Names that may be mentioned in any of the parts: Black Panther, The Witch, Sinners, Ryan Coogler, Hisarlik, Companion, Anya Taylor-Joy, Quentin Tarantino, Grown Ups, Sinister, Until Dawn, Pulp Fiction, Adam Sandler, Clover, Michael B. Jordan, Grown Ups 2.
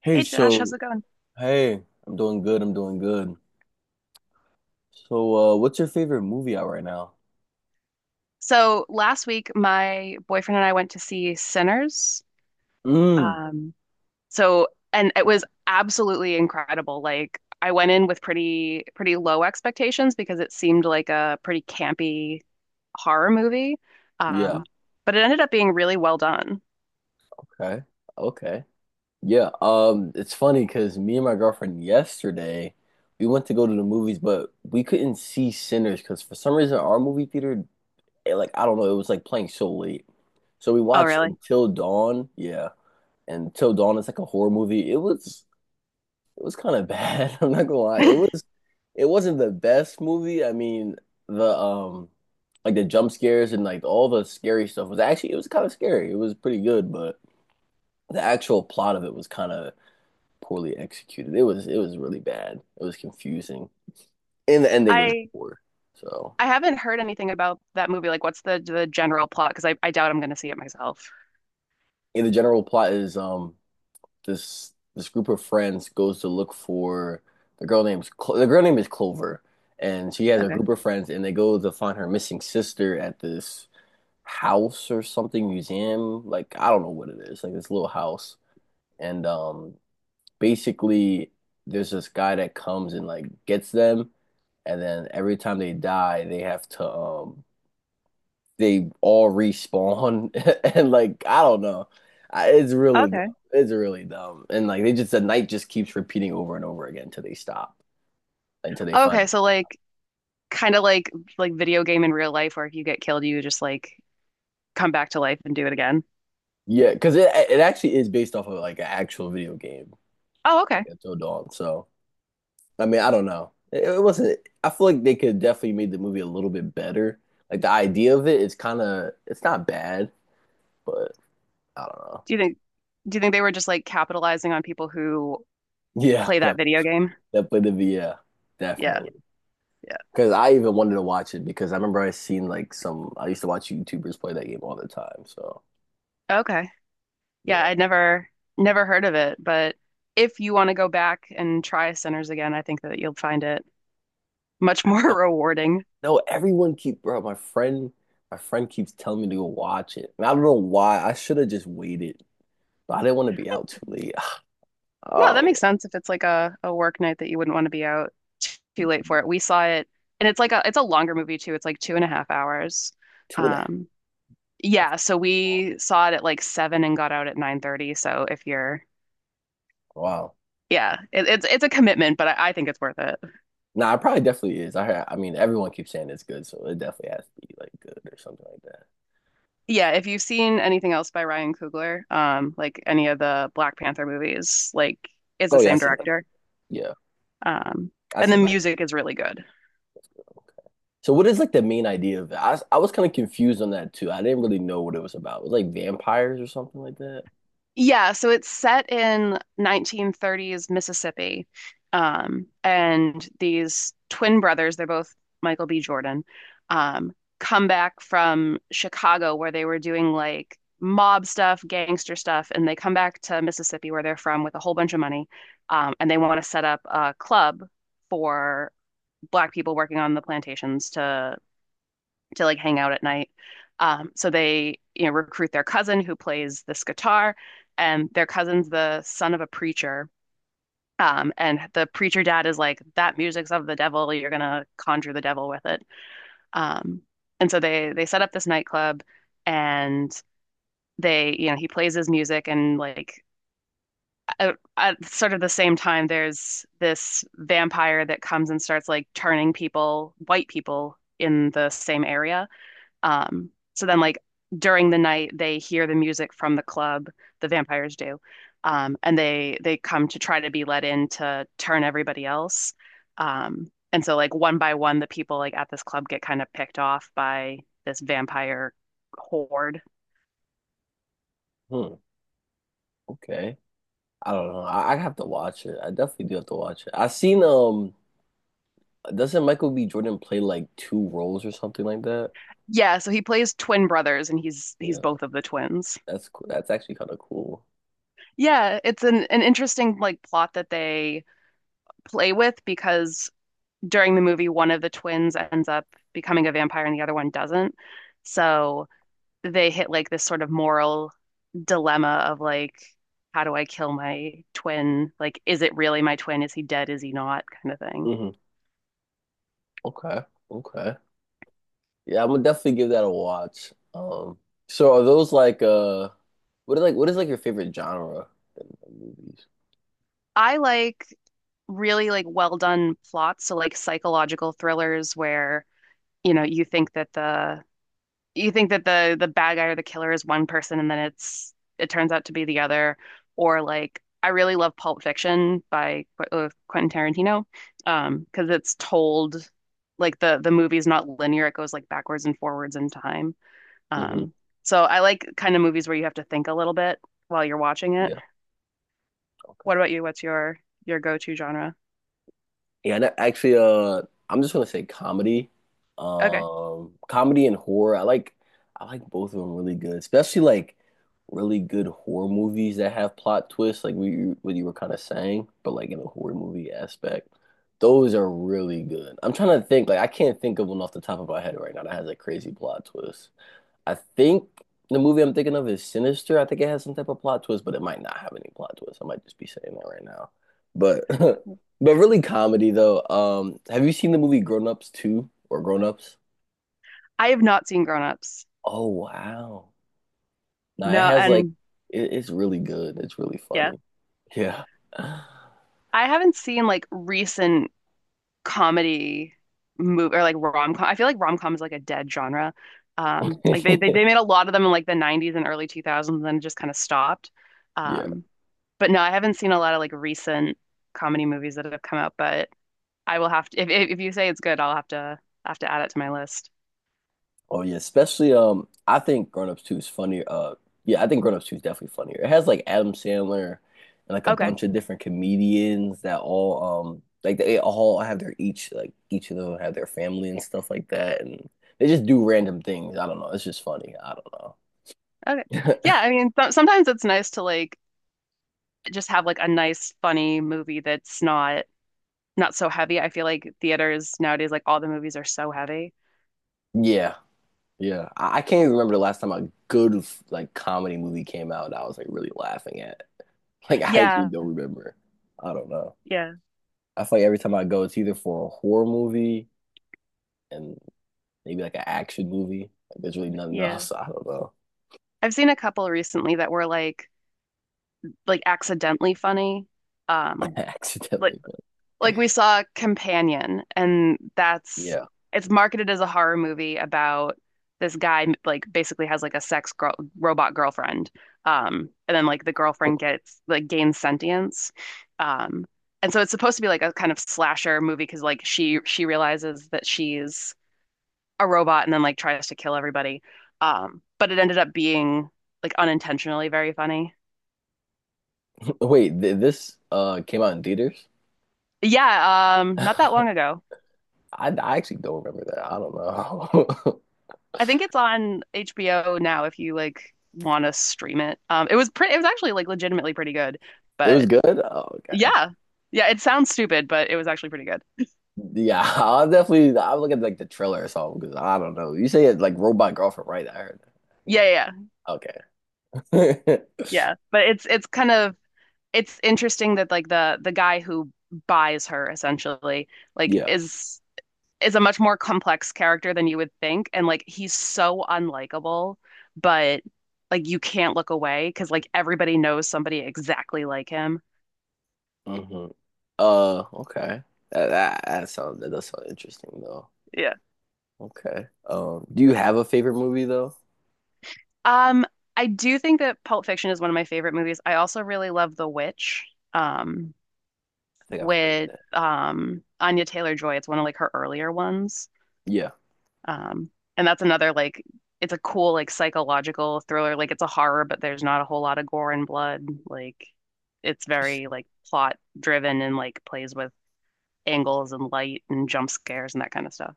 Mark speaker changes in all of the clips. Speaker 1: Hey,
Speaker 2: Hey Josh, how's
Speaker 1: so
Speaker 2: it going?
Speaker 1: hey, I'm doing good. I'm doing good. So, what's your favorite movie out right now?
Speaker 2: So last week, my boyfriend and I went to see Sinners.
Speaker 1: Mm,
Speaker 2: Um, and it was absolutely incredible. Like I went in with pretty low expectations because it seemed like a pretty campy horror movie.
Speaker 1: yeah.
Speaker 2: Um, but it ended up being really well done.
Speaker 1: Okay. Okay. Yeah. It's funny because me and my girlfriend yesterday, we went to go to the movies, but we couldn't see Sinners because for some reason our movie theater, like I don't know, it was like playing so late. So we
Speaker 2: Oh,
Speaker 1: watched
Speaker 2: really?
Speaker 1: Until Dawn. Yeah, and Until Dawn is like a horror movie. It was kind of bad. I'm not gonna lie. It wasn't the best movie. I mean, the like the jump scares and like all the scary stuff was actually it was kind of scary. It was pretty good, but the actual plot of it was kind of poorly executed. It was really bad. It was confusing. And the ending was
Speaker 2: I
Speaker 1: poor. So,
Speaker 2: I haven't heard anything about that movie. Like, what's the general plot? Because I doubt I'm going to see it myself.
Speaker 1: and the general plot is this group of friends goes to look for the girl name is Clover, and she has a
Speaker 2: Okay.
Speaker 1: group of friends, and they go to find her missing sister at this house or something museum. Like I don't know what it is, like this little house, and basically there's this guy that comes and like gets them, and then every time they die, they have to they all respawn. And like I don't know. It's really
Speaker 2: Okay.
Speaker 1: dumb. It's really dumb. And like they just the night just keeps repeating over and over again until they stop, until they find
Speaker 2: Okay,
Speaker 1: it.
Speaker 2: so like kind of like video game in real life where if you get killed, you just like come back to life and do it again.
Speaker 1: Yeah, because it actually is based off of like an actual video game,
Speaker 2: Oh,
Speaker 1: like
Speaker 2: okay.
Speaker 1: Until Dawn. So I mean, I don't know. It wasn't. I feel like they could definitely made the movie a little bit better. Like the idea of it is kind of it's not bad, but I don't know.
Speaker 2: Do you think do you think they were just like capitalizing on people who
Speaker 1: Yeah,
Speaker 2: play that
Speaker 1: that
Speaker 2: video game?
Speaker 1: that played the V. Yeah,
Speaker 2: Yeah.
Speaker 1: definitely.
Speaker 2: Yeah.
Speaker 1: Because I even wanted to watch it because I remember I seen like some. I used to watch YouTubers play that game all the time. So
Speaker 2: Okay. Yeah,
Speaker 1: yeah,
Speaker 2: I'd never heard of it, but if you want to go back and try Sinners again, I think that you'll find it much
Speaker 1: I know.
Speaker 2: more rewarding.
Speaker 1: No, everyone keep bro. My friend keeps telling me to go watch it, and I don't know why. I should have just waited, but I didn't want to be out too late.
Speaker 2: No,
Speaker 1: Oh,
Speaker 2: that makes sense if it's like a work night that you wouldn't want to be out too late for
Speaker 1: yeah.
Speaker 2: it. We saw it, and it's like a it's a longer movie too. It's like 2.5 hours.
Speaker 1: Two and a half.
Speaker 2: Um,
Speaker 1: That's
Speaker 2: Yeah, so
Speaker 1: long.
Speaker 2: we saw it at like seven and got out at 9:30. So if you're
Speaker 1: Wow.
Speaker 2: yeah, it's a commitment, but I think it's worth it.
Speaker 1: Nah, it probably definitely is. I mean, everyone keeps saying it's good, so it definitely has to be like good or something like that.
Speaker 2: Yeah, if you've seen anything else by Ryan Coogler, like any of the Black Panther movies, like it's the
Speaker 1: Oh yeah, I
Speaker 2: same
Speaker 1: seen.
Speaker 2: director.
Speaker 1: Yeah,
Speaker 2: Um,
Speaker 1: I
Speaker 2: and the
Speaker 1: seen. Black.
Speaker 2: music is really good.
Speaker 1: So what is like the main idea of it? I was kind of confused on that too. I didn't really know what it was about. It was like vampires or something like that.
Speaker 2: Yeah, so it's set in 1930s Mississippi. And these twin brothers, they're both Michael B. Jordan, um, come back from Chicago where they were doing like mob stuff, gangster stuff, and they come back to Mississippi where they're from with a whole bunch of money. And they want to set up a club for black people working on the plantations to like hang out at night. So they, you know, recruit their cousin who plays this guitar, and their cousin's the son of a preacher. And the preacher dad is like, that music's of the devil. You're gonna conjure the devil with it. Um, and so they set up this nightclub, and they, you know, he plays his music, and like at sort of the same time, there's this vampire that comes and starts like turning people, white people, in the same area, um, so then, like during the night, they hear the music from the club. The vampires do, and they come to try to be let in to turn everybody else. And so, like one by one, the people like at this club get kind of picked off by this vampire horde.
Speaker 1: Hmm. Okay. I don't know. I have to watch it. I definitely do have to watch it. I seen doesn't Michael B. Jordan play like two roles or something like that?
Speaker 2: Yeah, so he plays twin brothers, and he's
Speaker 1: Yeah.
Speaker 2: both of the twins.
Speaker 1: That's cool. That's actually kind of cool.
Speaker 2: Yeah, it's an interesting like plot that they play with because during the movie, one of the twins ends up becoming a vampire and the other one doesn't. So they hit like this sort of moral dilemma of like, how do I kill my twin? Like, is it really my twin? Is he dead? Is he not? Kind of thing.
Speaker 1: hmm Okay. Okay. Yeah, I'm gonna definitely give that a watch. So are those like what is like your favorite genre in movies?
Speaker 2: I like really like well done plots. So like psychological thrillers where, you know, you think that the bad guy or the killer is one person and then it turns out to be the other, or like I really love Pulp Fiction by Qu Quentin Tarantino, because it's told like the movie's not linear, it goes like backwards and forwards in time.
Speaker 1: hmm
Speaker 2: um so I like kind of movies where you have to think a little bit while you're watching it.
Speaker 1: Yeah. Okay.
Speaker 2: What about you, what's your go-to genre?
Speaker 1: Yeah, and actually, I'm just gonna say comedy,
Speaker 2: Okay.
Speaker 1: comedy and horror. I like both of them really good, especially like really good horror movies that have plot twists, like we what you were kind of saying, but like in a horror movie aspect, those are really good. I'm trying to think, like I can't think of one off the top of my head right now that has a crazy plot twist. I think the movie I'm thinking of is Sinister. I think it has some type of plot twist, but it might not have any plot twist. I might just be saying that right now. But but really comedy though. Have you seen the movie Grown Ups 2 or Grown Ups?
Speaker 2: I have not seen Grown Ups,
Speaker 1: Oh wow. Now it
Speaker 2: no.
Speaker 1: has like
Speaker 2: And
Speaker 1: it's really good. It's really
Speaker 2: yeah,
Speaker 1: funny. Yeah.
Speaker 2: I haven't seen like recent comedy movie or like rom-com. I feel like rom-com is like a dead genre. Like they made a lot of them in like the 90s and early 2000s and then it just kind of stopped.
Speaker 1: Yeah.
Speaker 2: Um, but no, I haven't seen a lot of like recent comedy movies that have come out, but I will have to if if you say it's good, I'll have to add it to my list.
Speaker 1: Oh yeah, especially I think Grown Ups 2 is funnier. Yeah, I think Grown Ups 2 is definitely funnier. It has like Adam Sandler and like a
Speaker 2: Okay.
Speaker 1: bunch of different comedians that all like each of them have their family and stuff like that and they just do random things. I don't know. It's just funny. I don't
Speaker 2: Okay.
Speaker 1: know.
Speaker 2: Yeah, I mean th sometimes it's nice to like just have like a nice funny movie that's not so heavy. I feel like theaters nowadays like all the movies are so heavy.
Speaker 1: Yeah. Yeah. I can't even remember the last time a good like comedy movie came out that I was like really laughing at. Like I actually
Speaker 2: Yeah.
Speaker 1: don't remember. I don't know.
Speaker 2: Yeah.
Speaker 1: I feel like every time I go, it's either for a horror movie and maybe like an action movie. Like there's really nothing
Speaker 2: Yeah.
Speaker 1: else. I don't know.
Speaker 2: I've seen a couple recently that were like accidentally funny.
Speaker 1: I
Speaker 2: Um, like
Speaker 1: Accidentally, but
Speaker 2: like we saw Companion, and that's
Speaker 1: yeah.
Speaker 2: it's marketed as a horror movie about this guy like basically has like a sex girl robot girlfriend. And then like the girlfriend gets like gains sentience. Um, and so it's supposed to be like a kind of slasher movie because like she realizes that she's a robot and then like tries to kill everybody. But it ended up being like unintentionally very funny.
Speaker 1: Wait, th this came out in theaters?
Speaker 2: Yeah, not that
Speaker 1: I,
Speaker 2: long ago.
Speaker 1: I actually don't remember that. I don't know.
Speaker 2: I think it's on HBO now if you like want to stream it. It was it was actually like legitimately pretty good.
Speaker 1: It was
Speaker 2: But
Speaker 1: good? Oh, okay.
Speaker 2: yeah. Yeah, it sounds stupid, but it was actually pretty good.
Speaker 1: Yeah, I'll look at like the trailer or something because I don't know. You say it's like Robot Girlfriend, right? I heard
Speaker 2: Yeah, yeah, yeah.
Speaker 1: that. Okay.
Speaker 2: Yeah. But it's kind of it's interesting that like the guy who buys her essentially like
Speaker 1: Yeah.
Speaker 2: is a much more complex character than you would think, and like he's so unlikable, but like you can't look away because like everybody knows somebody exactly like him.
Speaker 1: hmm okay. That that sounds that does sound interesting though.
Speaker 2: Yeah.
Speaker 1: Okay. Do you have a favorite movie though?
Speaker 2: Um, I do think that Pulp Fiction is one of my favorite movies. I also really love The Witch, um,
Speaker 1: I think I've heard
Speaker 2: with
Speaker 1: it.
Speaker 2: Anya Taylor-Joy. It's one of like her earlier ones.
Speaker 1: Yeah,
Speaker 2: Um, and that's another like it's a cool like psychological thriller. Like it's a horror, but there's not a whole lot of gore and blood. Like it's
Speaker 1: just
Speaker 2: very like plot driven and like plays with angles and light and jump scares and that kind of stuff.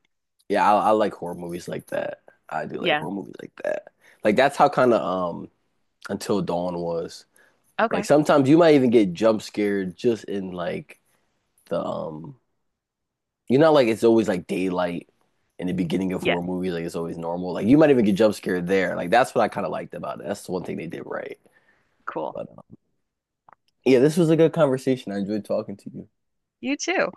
Speaker 1: yeah. I like horror movies like that. I do like
Speaker 2: Yeah.
Speaker 1: horror movies like that. Like that's how kind of Until Dawn was. Like
Speaker 2: Okay.
Speaker 1: sometimes you might even get jump scared just in like the. You know, like it's always like daylight in the beginning of
Speaker 2: Yeah.
Speaker 1: horror movies. Like it's always normal. Like you might even get jump scared there. Like that's what I kind of liked about it. That's the one thing they did right.
Speaker 2: Cool.
Speaker 1: But yeah, this was a good conversation. I enjoyed talking to you.
Speaker 2: You too.